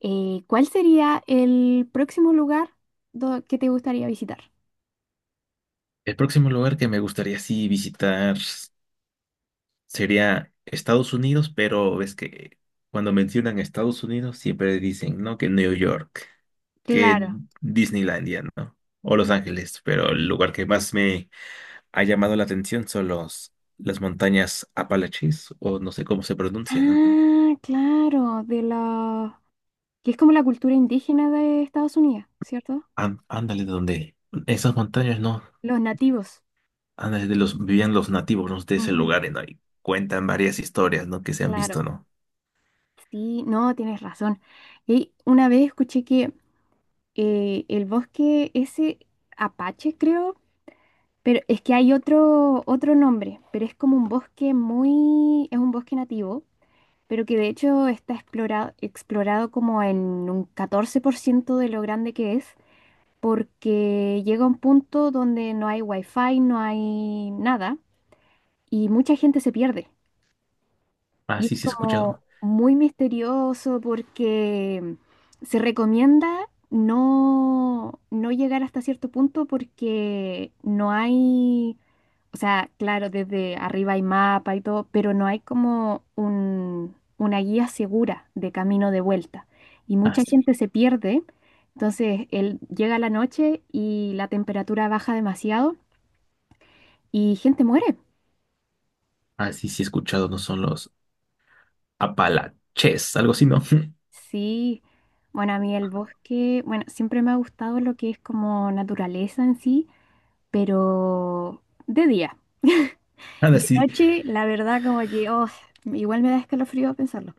¿Cuál sería el próximo lugar que te gustaría visitar? El próximo lugar que me gustaría sí visitar sería Estados Unidos, pero ves que cuando mencionan Estados Unidos siempre dicen, ¿no? Que New York, que Claro. Disneylandia, ¿no? O Los Ángeles, pero el lugar que más me ha llamado la atención son las montañas Apalaches, o no sé cómo se pronuncia, ¿no? Ah, claro, que es como la cultura indígena de Estados Unidos, ¿cierto? Ándale de donde esas montañas, ¿no? Los nativos. Ándale de los vivían los nativos, ¿no? De ese Ujú, lugar, ¿no? Y cuentan varias historias, ¿no? Que se han visto, claro. ¿no? Sí, no, tienes razón. Y una vez escuché que el bosque ese Apache, creo, pero es que hay otro nombre, pero es como un bosque. Es un bosque nativo, pero que de hecho está explorado como en un 14% de lo grande que es, porque llega un punto donde no hay wifi, no hay nada, y mucha gente se pierde. Ah, Y sí, es sí, he como escuchado. muy misterioso porque se recomienda no llegar hasta cierto punto porque no hay, o sea, claro, desde arriba hay mapa y todo, pero no hay como una guía segura de camino de vuelta. Y Ah, mucha gente se pierde. Entonces, él llega la noche y la temperatura baja demasiado y gente muere. ah, sí, sí he escuchado, no son los Apalaches, algo así, ¿no? Sí, bueno, a mí el bosque, bueno, siempre me ha gustado lo que es como naturaleza en sí, pero de día. Nada, De sí, noche, la verdad, como que, oh, igual me da escalofrío pensarlo.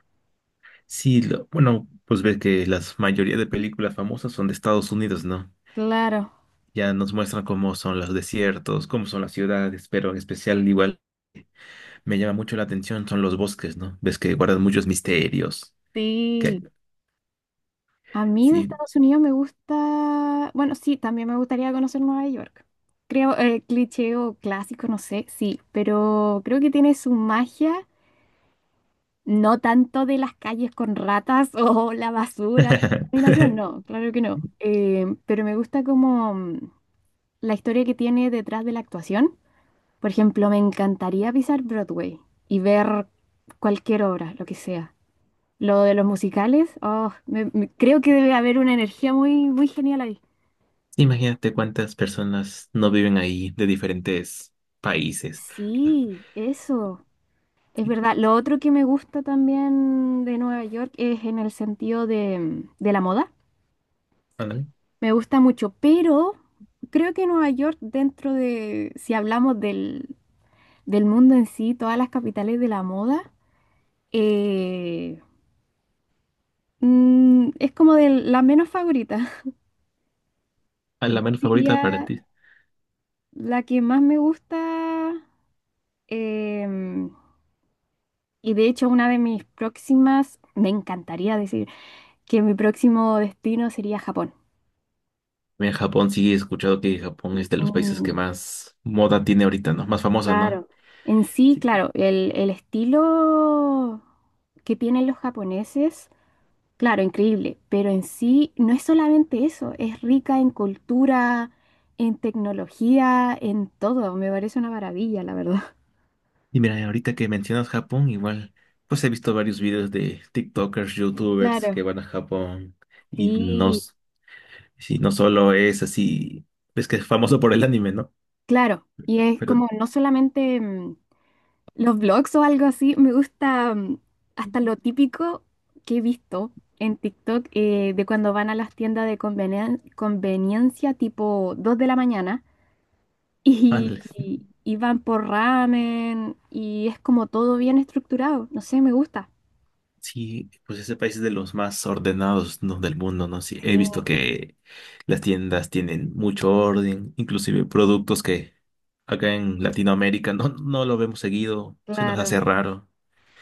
sí, bueno, pues ves que la mayoría de películas famosas son de Estados Unidos, ¿no? Claro, Ya nos muestran cómo son los desiertos, cómo son las ciudades, pero en especial igual me llama mucho la atención son los bosques, ¿no? Ves que guardan muchos misterios, que sí. A mí de sí. Estados Unidos me gusta, bueno, sí, también me gustaría conocer Nueva York. Creo, cliché o clásico, no sé, sí, pero creo que tiene su magia. No tanto de las calles con ratas o la basura, la contaminación, no, claro que no. Pero me gusta como la historia que tiene detrás de la actuación. Por ejemplo, me encantaría pisar Broadway y ver cualquier obra, lo que sea. Lo de los musicales, oh, creo que debe haber una energía muy, muy genial ahí. Imagínate cuántas personas no viven ahí de diferentes países. Sí, eso, es verdad. Lo otro que me gusta también de Nueva York es en el sentido de, de la moda. Ándale. Me gusta mucho, pero creo que Nueva York, dentro de, si hablamos del mundo en sí, todas las capitales de la moda, eh, es como de la menos favorita. ¿A la menos favorita para Diría ti? la que más me gusta, em, y de hecho una de mis próximas, me encantaría decir que mi próximo destino sería Japón. En Japón sí he escuchado que Japón es de los países que Mm, más moda tiene ahorita, ¿no? Más famosa, ¿no? claro, en sí, Sí. claro, el estilo que tienen los japoneses. Claro, increíble, pero en sí no es solamente eso, es rica en cultura, en tecnología, en todo. Me parece una maravilla, la verdad. Y mira, ahorita que mencionas Japón, igual, pues he visto varios videos de TikTokers, YouTubers que Claro, van a Japón y sí, sí, no solo es así, es que es famoso por el anime, ¿no? claro. Y es Pero, como no solamente los blogs o algo así, me gusta hasta lo típico que he visto en TikTok, de cuando van a las tiendas de conveniencia tipo 2 de la mañana, ándale. y van por ramen y es como todo bien estructurado. No sé, me gusta. Sí, pues ese país es de los más ordenados, ¿no? Del mundo, ¿no? Sí, Sí, he visto que las tiendas tienen mucho orden, inclusive productos que acá en Latinoamérica no lo vemos seguido, se nos hace claro. raro.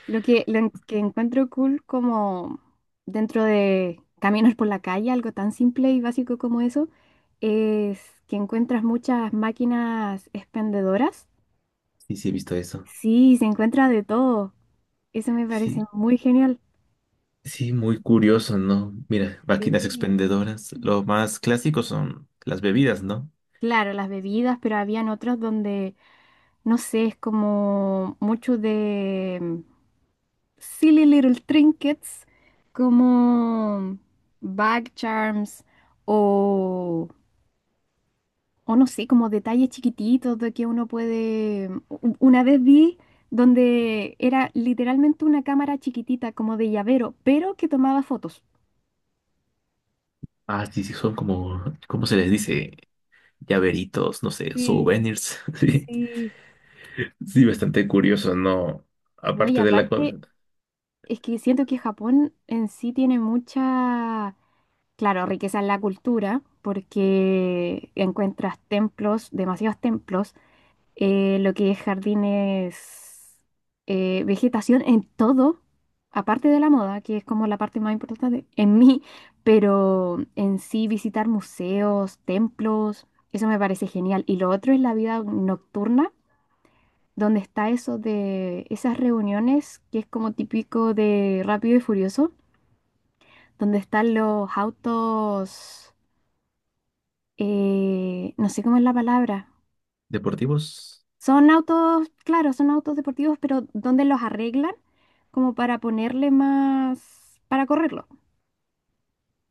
Lo que, que encuentro cool como dentro de caminos por la calle, algo tan simple y básico como eso, es que encuentras muchas máquinas expendedoras. Sí, sí, he visto eso. Sí, se encuentra de todo. Eso me parece Sí, muy genial. sí, muy curioso, ¿no? Mira, máquinas Sí. expendedoras, lo más clásico son las bebidas, ¿no? Claro, las bebidas, pero habían otros donde, no sé, es como mucho de silly little trinkets como bag charms o, o no sé, como detalles chiquititos de que uno puede. Una vez vi donde era literalmente una cámara chiquitita como de llavero, pero que tomaba fotos. Ah, sí, sí, son como, ¿cómo se les dice? Llaveritos, no sé, Sí, souvenirs. Sí, sí. sí, bastante curioso, ¿no? No, y Aparte de la aparte, comida. es que siento que Japón en sí tiene mucha, claro, riqueza en la cultura, porque encuentras templos, demasiados templos, lo que es jardines, vegetación en todo, aparte de la moda, que es como la parte más importante en mí, pero en sí visitar museos, templos, eso me parece genial. Y lo otro es la vida nocturna, donde está eso de esas reuniones que es como típico de Rápido y Furioso, donde están los autos, no sé cómo es la palabra. ¿Deportivos? Son autos, claro, son autos deportivos, pero donde los arreglan como para ponerle más, para correrlo.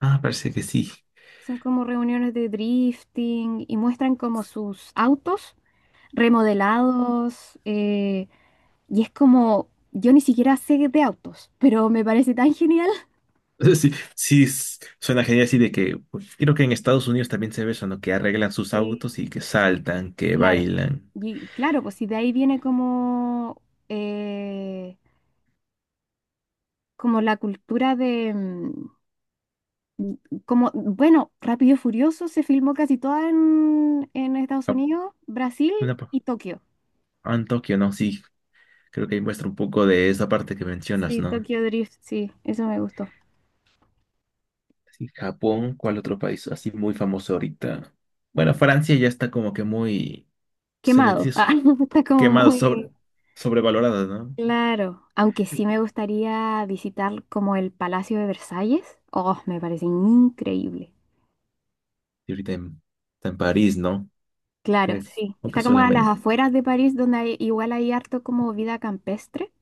Ah, parece que sí. Son como reuniones de drifting y muestran como sus autos remodelados. Y es como, yo ni siquiera sé de autos, pero me parece tan genial. Sí, sí, suena genial así de que pues, creo que en Estados Unidos también se ve eso, ¿no? Que arreglan sus autos Sí. y que saltan, que Claro, bailan. y claro, pues si de ahí viene como, eh, como la cultura de, como, bueno, Rápido y Furioso se filmó casi toda en Estados Ah, Unidos, Brasil una pa- y Tokio. ah, en Tokio, ¿no? Sí, creo que ahí muestra un poco de esa parte que mencionas, Sí, ¿no? Tokio Drift, sí, eso me gustó. Sí, Japón, ¿cuál otro país así muy famoso ahorita? Bueno, Francia ya está como que muy, se le dice Quemado. eso, Ah, está como quemada, muy sobrevalorada, ¿no? claro. Aunque sí me gustaría visitar como el Palacio de Versalles. Oh, me parece increíble. Y ahorita en, está en París, ¿no? Claro, Es, sí. aunque Está como a las solamente. afueras de París, donde igual hay harto como vida campestre.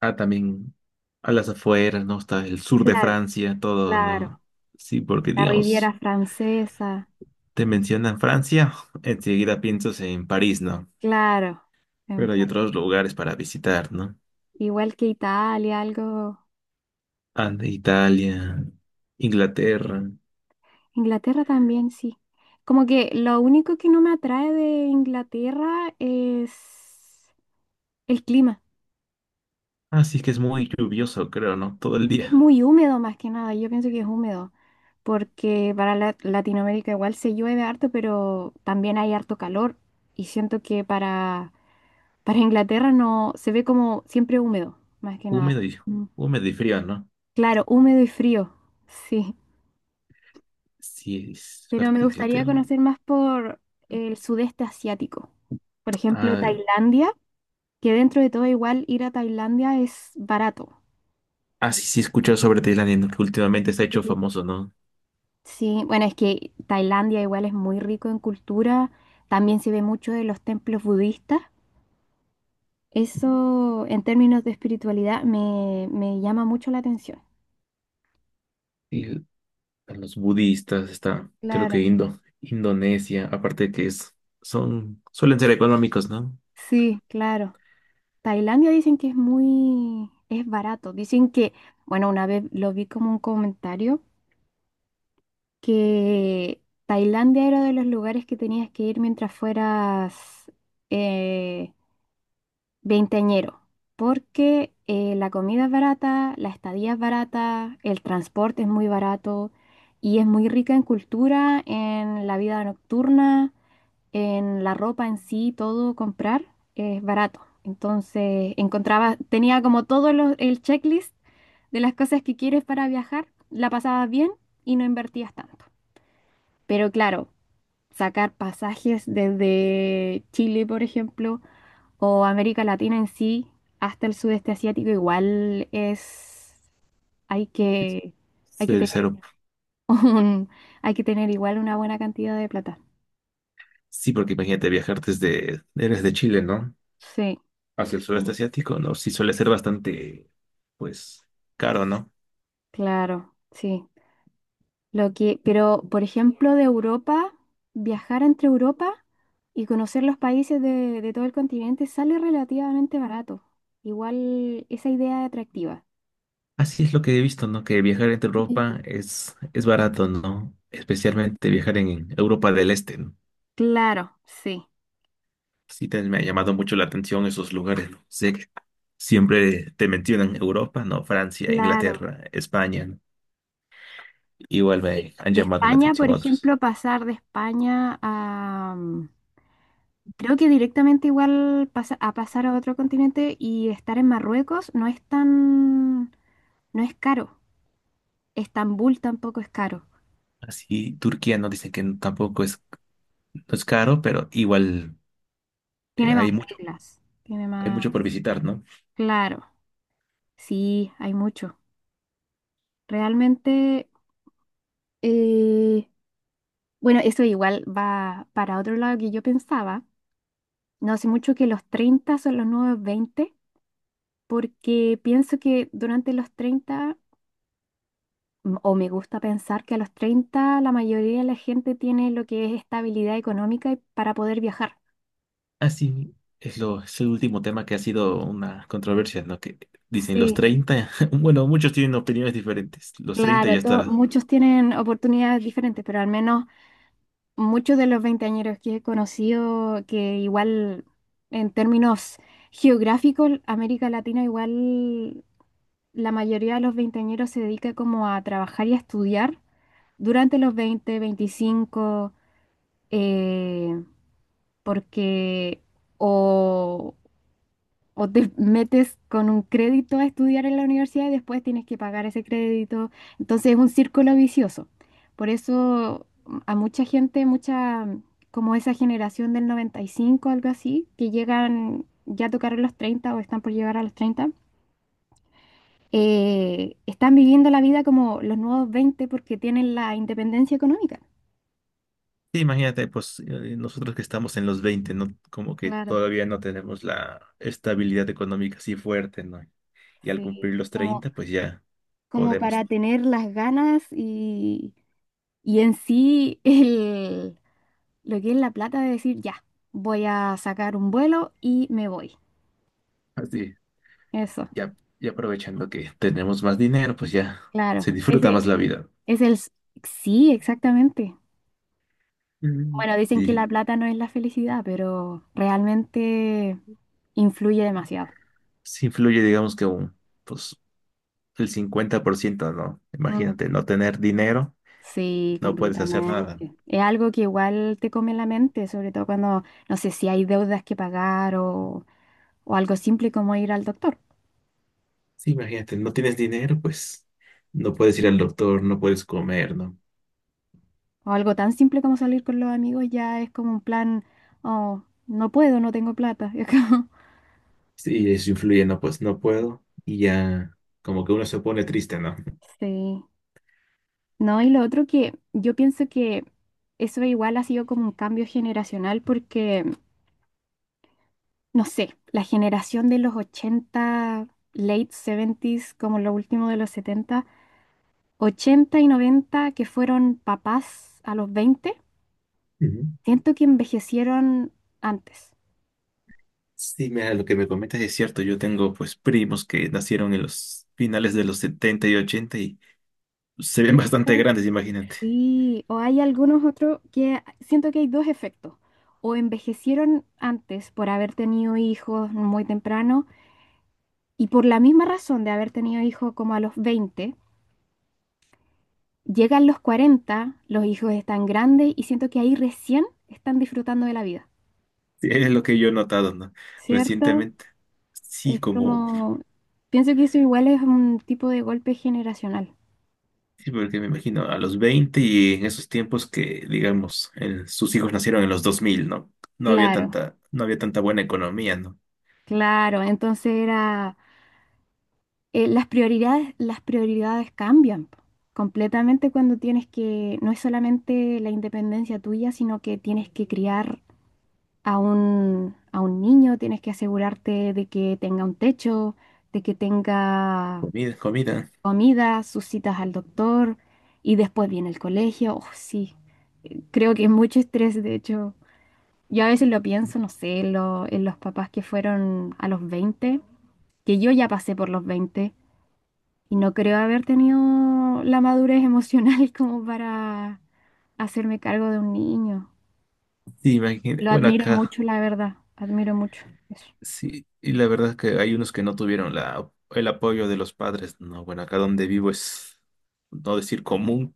Ah, también a las afueras, ¿no? Está el sur de Claro, Francia, todo, claro. ¿no? Sí, porque La Riviera digamos, Francesa. te mencionan Francia, enseguida piensas en París, ¿no? Claro, en Pero hay París. otros lugares para visitar, ¿no? Igual que Italia, algo. Ande, Italia, Inglaterra. Inglaterra también, sí. Como que lo único que no me atrae de Inglaterra es el clima. Así que es muy lluvioso, creo, ¿no? Todo el Es día. muy húmedo más que nada. Yo pienso que es húmedo. Porque para Latinoamérica igual se llueve harto, pero también hay harto calor. Y siento que para Inglaterra no se ve como siempre húmedo, más que nada. Húmedo y, Mm. húmedo y frío, ¿no? Claro, húmedo y frío. Sí. Sí, es Pero parte me de gustaría Inglaterra. conocer más por el sudeste asiático. Por ejemplo, Ah, Tailandia, que dentro de todo igual ir a Tailandia es barato. ah, sí, sí, he escuchado sobre Tailandia, ¿no? Que últimamente se ha hecho Y- famoso, ¿no? Sí, bueno, es que Tailandia igual es muy rico en cultura, también se ve mucho de los templos budistas. Eso en términos de espiritualidad me llama mucho la atención. Sí, están los budistas, está creo Claro, que Indonesia, aparte que es, son, suelen ser económicos, ¿no? sí, claro. Tailandia dicen que es muy, es barato. Dicen que, bueno, una vez lo vi como un comentario que Tailandia era de los lugares que tenías que ir mientras fueras eh, veinteañero, porque la comida es barata, la estadía es barata, el transporte es muy barato y es muy rica en cultura, en la vida nocturna, en la ropa en sí, todo comprar es barato. Entonces encontraba, tenía como todo el checklist de las cosas que quieres para viajar, la pasabas bien y no invertías tanto. Pero claro, sacar pasajes desde Chile, por ejemplo, o América Latina en sí, hasta el sudeste asiático, igual es, hay que, hay que Ser tener cero. un, hay que tener igual una buena cantidad de plata. Sí, porque imagínate viajar desde, eres de Chile, ¿no? Sí, Hacia el sureste asiático, ¿no? Sí suele ser bastante, pues, caro, ¿no? claro, sí. Lo que, pero, por ejemplo, de Europa, viajar entre Europa y conocer los países de todo el continente sale relativamente barato. Igual esa idea es atractiva. Así es lo que he visto, ¿no? Que viajar entre Sí. Europa es barato, ¿no? Especialmente viajar en Europa del Este, ¿no? Claro, sí, Sí, me ha llamado mucho la atención esos lugares. ¿No? Sé que siempre te mencionan Europa, ¿no? Francia, claro. Inglaterra, España. ¿No? Igual me han De llamado la España, atención por otros. ejemplo, pasar de España. Creo que directamente igual a pasar a otro continente y estar en Marruecos no es tan, no es caro. Estambul tampoco es caro. Así, Turquía no dicen que tampoco es, no es caro, pero igual eh, Tiene más hay mucho, reglas. Tiene hay más. mucho por visitar, ¿no? Claro, sí, hay mucho. Realmente, eh, bueno, eso igual va para otro lado que yo pensaba. No hace mucho que los 30 son los nuevos 20 porque pienso que durante los treinta, o me gusta pensar que a los 30 la mayoría de la gente tiene lo que es estabilidad económica para poder viajar. Así es lo, es el último tema que ha sido una controversia, ¿no? Que dicen los Sí, 30. Bueno, muchos tienen opiniones diferentes. Los 30 claro, ya está. muchos tienen oportunidades diferentes, pero al menos muchos de los veinteañeros que he conocido, que igual en términos geográficos, América Latina igual la mayoría de los veinteañeros se dedica como a trabajar y a estudiar durante los 20 veinticinco, eh, porque o O te metes con un crédito a estudiar en la universidad y después tienes que pagar ese crédito. Entonces es un círculo vicioso. Por eso a mucha gente, mucha, como esa generación del 95, algo así, que llegan, ya tocaron los 30 o están por llegar a los treinta, están viviendo la vida como los nuevos 20 porque tienen la independencia económica. Sí, imagínate, pues nosotros que estamos en los 20, ¿no? Como que Claro, todavía no tenemos la estabilidad económica así fuerte, ¿no? Y al sí. cumplir los Como, 30, pues ya como podemos, para tener las ganas, y en sí el lo que es la plata de decir, ya, voy a sacar un vuelo y me voy. así, Eso, ya, ya aprovechando que tenemos más dinero, pues ya claro. se disfruta más Ese la vida. es el. Sí, exactamente. Mm. Bueno, dicen que Sí, la plata no es la felicidad, pero realmente influye demasiado. sí influye, digamos que un, pues el 50%, ¿no? Mm. Imagínate, no tener dinero, Sí, no puedes hacer nada. completamente. Es algo que igual te come la mente, sobre todo cuando, no sé, si hay deudas que pagar o algo simple como ir al doctor. Sí, imagínate, no tienes dinero, pues no puedes ir al doctor, no puedes comer, ¿no? O algo tan simple como salir con los amigos ya es como un plan, oh, no puedo, no tengo plata. Es como. Sí, eso influye, no, pues no puedo. Y ya, como que uno se pone triste, ¿no? Sí, no, y lo otro que yo pienso que eso igual ha sido como un cambio generacional porque, no sé, la generación de los ochenta, late seventies, como lo último de los setenta, 80 y noventa, que fueron papás a los veinte, Ujú. siento que envejecieron antes. Sí, mira, lo que me comentas es cierto. Yo tengo, pues, primos que nacieron en los finales de los 70 y 80 y se ven bastante Ah, grandes, imagínate. sí, o hay algunos otros que siento que hay dos efectos. O envejecieron antes por haber tenido hijos muy temprano, y por la misma razón de haber tenido hijos como a los 20, llegan los 40, los hijos están grandes y siento que ahí recién están disfrutando de la vida, Sí, es lo que yo he notado, ¿no? ¿cierto? Recientemente. Sí, Es como, como, pienso que eso igual es un tipo de golpe generacional. sí, porque me imagino a los 20 y en esos tiempos que, digamos, sus hijos nacieron en los 2000, ¿no? Claro, No había tanta buena economía, ¿no? claro. Entonces era, las prioridades cambian po, completamente cuando tienes que, no es solamente la independencia tuya, sino que tienes que criar a un niño, tienes que asegurarte de que tenga un techo, de que tenga Comida, comida. comida, sus citas al doctor y después viene el colegio. Oh, sí, creo que es mucho estrés, de hecho. Yo a veces lo pienso, no sé, en los papás que fueron a los veinte, que yo ya pasé por los 20 y no creo haber tenido la madurez emocional como para hacerme cargo de un niño. Sí, imagínate. Lo Bueno, admiro acá. mucho, la verdad, admiro mucho. Sí, y la verdad es que hay unos que no tuvieron la, el apoyo de los padres. No, bueno, acá donde vivo es, no decir común,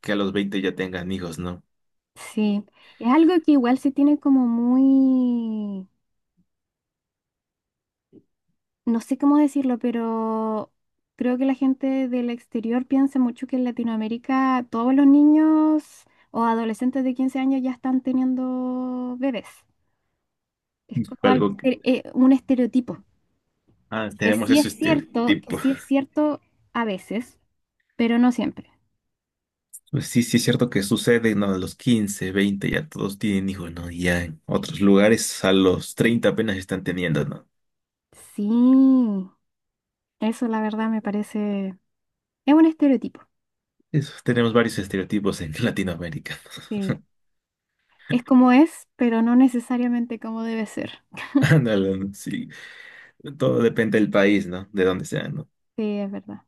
que a los 20 ya tengan hijos, ¿no? Sí, es algo que igual se tiene como muy, no sé cómo decirlo, pero creo que la gente del exterior piensa mucho que en Latinoamérica todos los niños o adolescentes de 15 años ya están teniendo bebés. Es Y fue como algo, algo que, un estereotipo, ah, que tenemos sí ese es cierto, que estereotipo. sí es cierto a veces, pero no siempre. Pues sí, sí es cierto que sucede, ¿no? A los 15, 20 ya todos tienen hijos, ¿no? Y ya en otros lugares a los 30 apenas están teniendo, ¿no? Sí, eso la verdad me parece, es un estereotipo. Eso, tenemos varios estereotipos en Latinoamérica. Sí. Es como es, pero no necesariamente como debe ser. Ándale, ¿no? Sí. Todo depende del país, ¿no? De dónde sea, ¿no? Sí, es verdad.